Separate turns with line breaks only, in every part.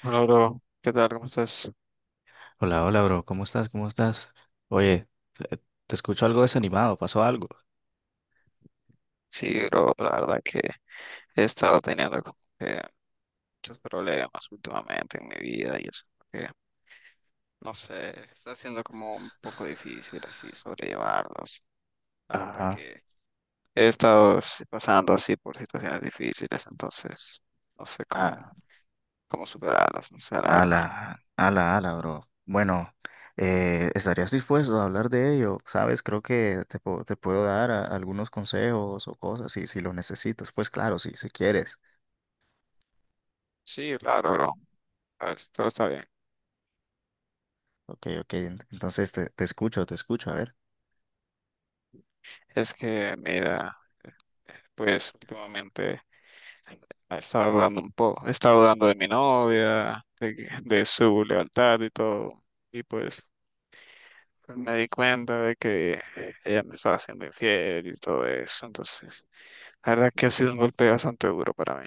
Hola, bro. ¿Qué tal? ¿Cómo estás?
Hola, hola, bro. ¿Cómo estás? ¿Cómo estás? Oye, te te escucho algo desanimado. ¿Pasó algo?
Sí, bro, la verdad que he estado teniendo como que muchos problemas últimamente en mi vida y eso que, no sé, está siendo como un poco difícil así sobrellevarlos. La verdad
Ah,
que he estado pasando así por situaciones difíciles, entonces no sé cómo,
ah,
cómo superarlas, no sé, la verdad.
ala, ala, ala, bro. Bueno, ¿estarías dispuesto a hablar de ello? Sabes, creo que te puedo dar algunos consejos o cosas si, si lo necesitas. Pues claro, si, si quieres.
Sí, claro, bro. A ver, todo está bien.
Ok, ok, entonces te, te escucho, a ver.
Es que, mira, eh, pues últimamente, estaba dudando un poco, estaba dudando de mi novia, de su lealtad y todo. Y pues me di cuenta de que ella me estaba haciendo infiel y todo eso. Entonces, la verdad que ha sido un golpe bastante duro para mí.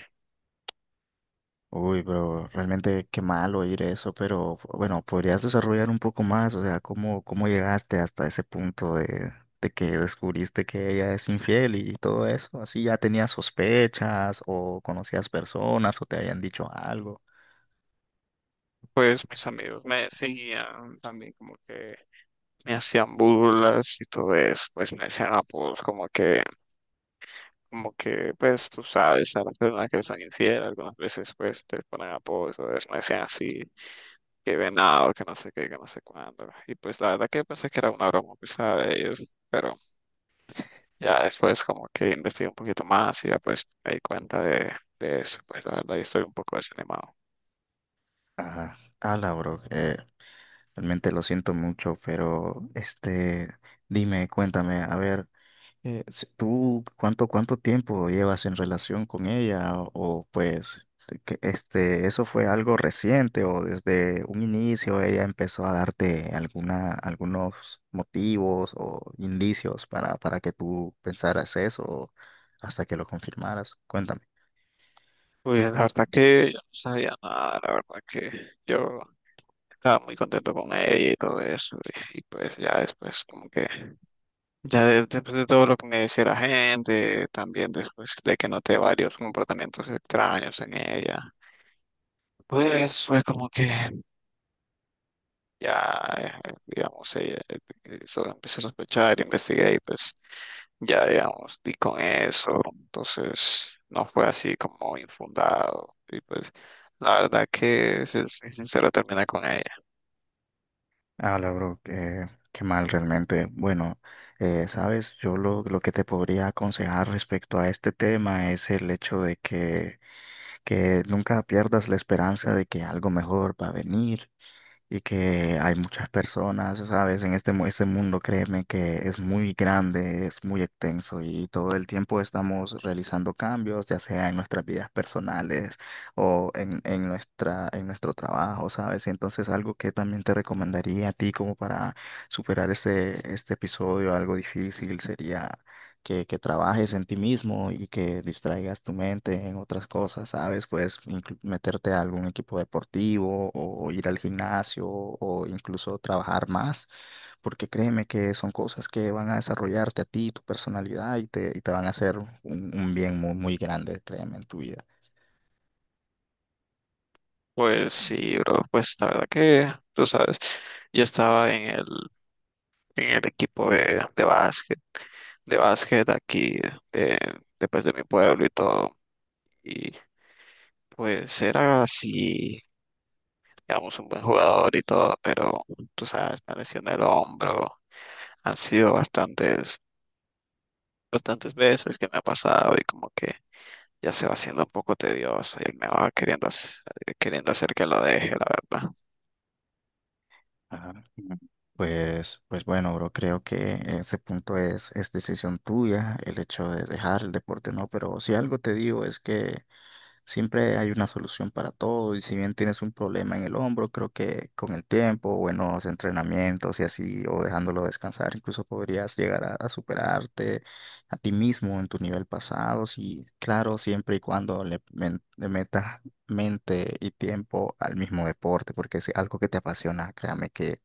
Uy, pero realmente qué mal oír eso, pero bueno, ¿podrías desarrollar un poco más? O sea, ¿cómo, cómo llegaste hasta ese punto de que descubriste que ella es infiel y todo eso? ¿Así ya tenías sospechas o conocías personas o te habían dicho algo?
Pues mis amigos me decían también como que me hacían burlas y todo eso. Pues me decían apodos como que, pues tú sabes, a las personas que les son infieles algunas veces pues te ponen apodos, entonces me decían así, que venado, que no sé qué, que no sé cuándo. Y pues la verdad que pensé que era una broma pesada de ellos, pero ya después como que investigué un poquito más y ya pues me di cuenta de eso. Pues la verdad yo estoy un poco desanimado.
Ajá, ala, bro, realmente lo siento mucho, pero este, dime, cuéntame, a ver. ¿Tú cuánto, cuánto tiempo llevas en relación con ella? O, pues, este, ¿eso fue algo reciente o desde un inicio ella empezó a darte alguna, algunos motivos o indicios para que tú pensaras eso o hasta que lo confirmaras? Cuéntame.
Pues la verdad que yo no sabía nada, la verdad que yo estaba muy contento con ella y todo eso. Y pues ya después como que, ya después de todo lo que me decía la gente, también después de que noté varios comportamientos extraños en ella. Pues fue como que ya, digamos, ella, eso empecé a sospechar, investigué y pues ya, digamos, di con eso. Entonces no fue así como infundado. Y pues la verdad que, si soy sincero, terminé con ella.
Ah, la bro, qué, qué mal realmente. Bueno, sabes, yo lo que te podría aconsejar respecto a este tema es el hecho de que nunca pierdas la esperanza de que algo mejor va a venir y que hay muchas personas, ¿sabes? En este mundo, créeme que es muy grande, es muy extenso y todo el tiempo estamos realizando cambios, ya sea en nuestras vidas personales o en nuestra, en nuestro trabajo, ¿sabes? Y entonces algo que también te recomendaría a ti como para superar este, este episodio, algo difícil, sería que trabajes en ti mismo y que distraigas tu mente en otras cosas, ¿sabes? Puedes meterte a algún equipo deportivo o ir al gimnasio o incluso trabajar más, porque créeme que son cosas que van a desarrollarte a ti, tu personalidad y te van a hacer un bien muy, muy grande, créeme, en tu vida.
Pues sí, bro, pues la verdad que, tú sabes, yo estaba en el equipo de básquet aquí, de, pues, de mi pueblo y todo. Y pues era así, digamos, un buen jugador y todo, pero tú sabes, me lesioné el hombro. Han sido bastantes veces que me ha pasado y como que ya se va haciendo un poco tedioso y él me va queriendo hacer que lo deje, la verdad.
Ajá. Mm. Pues, pues bueno, bro, creo que ese punto es decisión tuya, el hecho de dejar el deporte, ¿no? Pero si algo te digo es que siempre hay una solución para todo y si bien tienes un problema en el hombro, creo que con el tiempo, buenos entrenamientos y así, o dejándolo descansar, incluso podrías llegar a superarte a ti mismo en tu nivel pasado, sí, claro, siempre y cuando le metas mente y tiempo al mismo deporte, porque si algo que te apasiona, créame que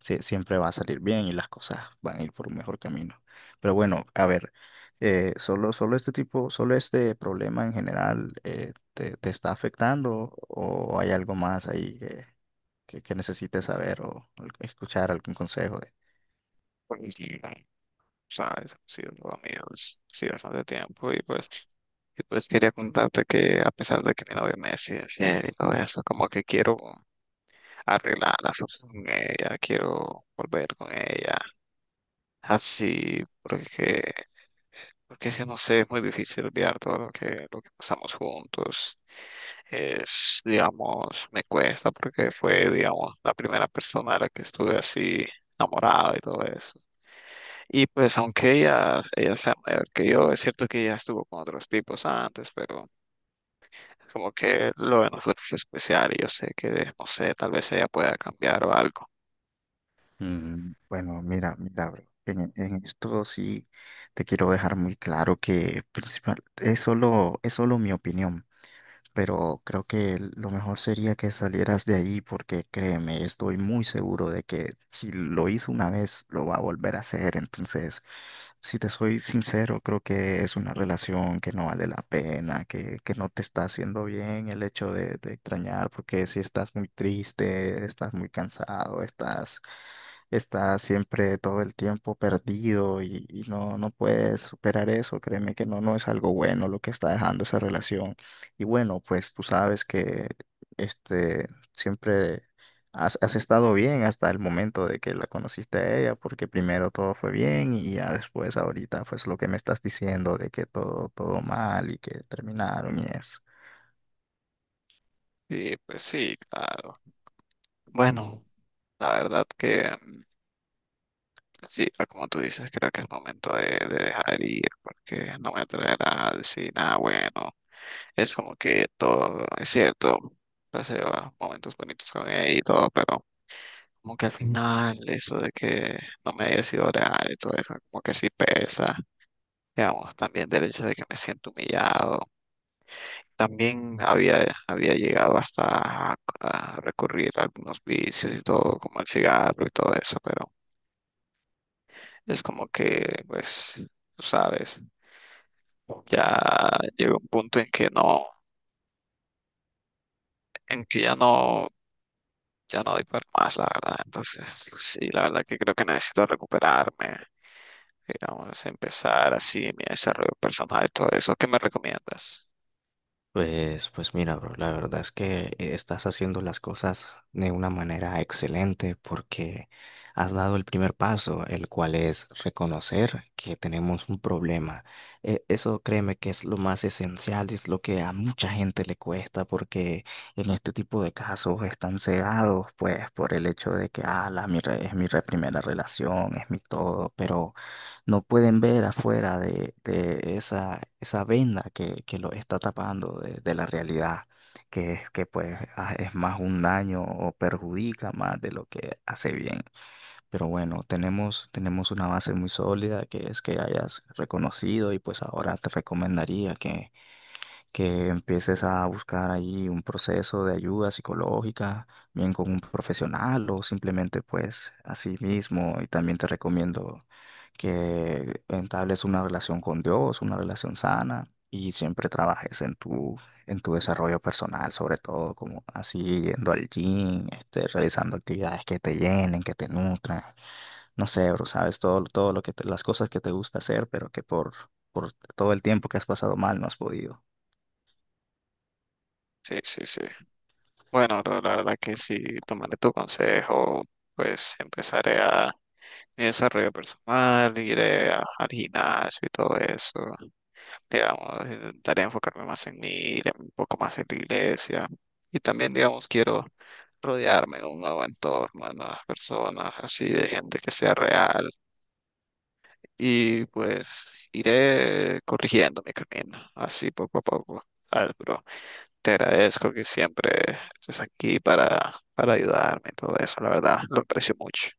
sí, siempre va a salir bien y las cosas van a ir por un mejor camino. Pero bueno, a ver, solo, solo este problema en general te, te está afectando o hay algo más ahí que necesites saber o escuchar algún consejo de-
Pues, sí, sabes, ha sido todo mío, sí, bastante tiempo y pues quería contarte que a pesar de que mi novia me decía ayer y todo eso, como que quiero arreglar las cosas con ella, quiero volver con ella, así, porque, porque es que no sé, es muy difícil olvidar todo lo que pasamos juntos. Es, digamos, me cuesta porque fue, digamos, la primera persona a la que estuve así enamorado y todo eso. Y pues aunque ella sea mayor que yo, es cierto que ella estuvo con otros tipos antes, pero como que lo de nosotros es especial y yo sé que, no sé, tal vez ella pueda cambiar o algo.
Mm, bueno, mira, mira, bro, en esto sí te quiero dejar muy claro que principal, es solo mi opinión. Pero creo que lo mejor sería que salieras de allí porque créeme, estoy muy seguro de que si lo hizo una vez, lo va a volver a hacer. Entonces, si te soy sincero, creo que es una relación que no vale la pena, que no te está haciendo bien el hecho de extrañar, porque si estás muy triste, estás muy cansado, estás, estás siempre todo el tiempo perdido y no, no puedes superar eso, créeme que no, no es algo bueno lo que está dejando esa relación. Y bueno, pues tú sabes que este siempre has, has estado bien hasta el momento de que la conociste a ella, porque primero todo fue bien y ya después ahorita pues lo que me estás diciendo de que todo, todo mal y que terminaron y eso.
Sí, pues sí, claro. Bueno, la verdad que sí, como tú dices, creo que es momento de dejar ir porque no me traerá a decir nada bueno. Es como que todo, es cierto, pasé momentos bonitos con ella y todo, pero como que al final eso de que no me haya sido real y todo eso, como que sí pesa. Digamos, también del hecho de que me siento humillado. También había llegado hasta a recurrir a algunos vicios y todo, como el cigarro y todo eso, pero es como que, pues, tú sabes, ya llegó un punto en que no, en que ya no, ya no doy para más, la verdad. Entonces, sí, la verdad que creo que necesito recuperarme, digamos, empezar así mi desarrollo personal y todo eso. ¿Qué me recomiendas?
Pues, pues mira, bro, la verdad es que estás haciendo las cosas de una manera excelente porque has dado el primer paso, el cual es reconocer que tenemos un problema. Eso créeme que es lo más esencial, es lo que a mucha gente le cuesta porque en este tipo de casos están cegados pues por el hecho de que, ah, es primera relación, es mi todo, pero no pueden ver afuera de esa, esa venda que los está tapando de la realidad, que, es que pues ah, es más un daño o perjudica más de lo que hace bien. Pero bueno, tenemos, tenemos una base muy sólida que es que hayas reconocido y pues ahora te recomendaría que empieces a buscar ahí un proceso de ayuda psicológica, bien con un profesional o simplemente pues a sí mismo. Y también te recomiendo que entables una relación con Dios, una relación sana y siempre trabajes en tu desarrollo personal, sobre todo como así yendo al gym, este, realizando actividades que te llenen, que te nutran. No sé, bro, sabes todo, todo lo que las cosas que te gusta hacer, pero que por todo el tiempo que has pasado mal no has podido.
Sí, sí, sí. Bueno, la verdad que sí, tomaré tu consejo, pues empezaré a mi desarrollo personal, iré al gimnasio y todo eso. Digamos, intentaré enfocarme más en mí, iré un poco más en la iglesia. Y también, digamos, quiero rodearme de un nuevo entorno, de nuevas personas, así de gente que sea real. Y pues iré corrigiendo mi camino, así poco a poco. ¿Sabes, bro? Te agradezco que siempre estés aquí para ayudarme y todo eso, la verdad, lo aprecio mucho.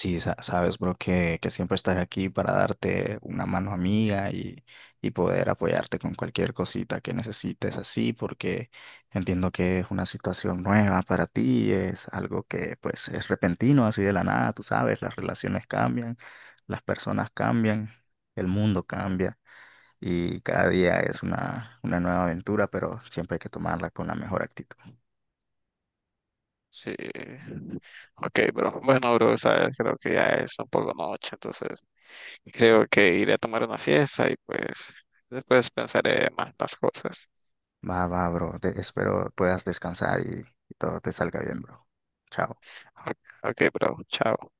Sí, sabes, bro, que siempre estás aquí para darte una mano amiga y poder apoyarte con cualquier cosita que necesites así, porque entiendo que es una situación nueva para ti, es algo que pues es repentino, así de la nada, tú sabes, las relaciones cambian, las personas cambian, el mundo cambia. Y cada día es una nueva aventura, pero siempre hay que tomarla con la mejor actitud.
Sí, ok, bro. Bueno, bro, sabes, creo que ya es un poco noche, entonces creo que iré a tomar una siesta y pues después pensaré más las cosas.
Va, va, bro. Espero puedas descansar y todo te salga bien, bro. Chao.
Ok, ok, bro, chao.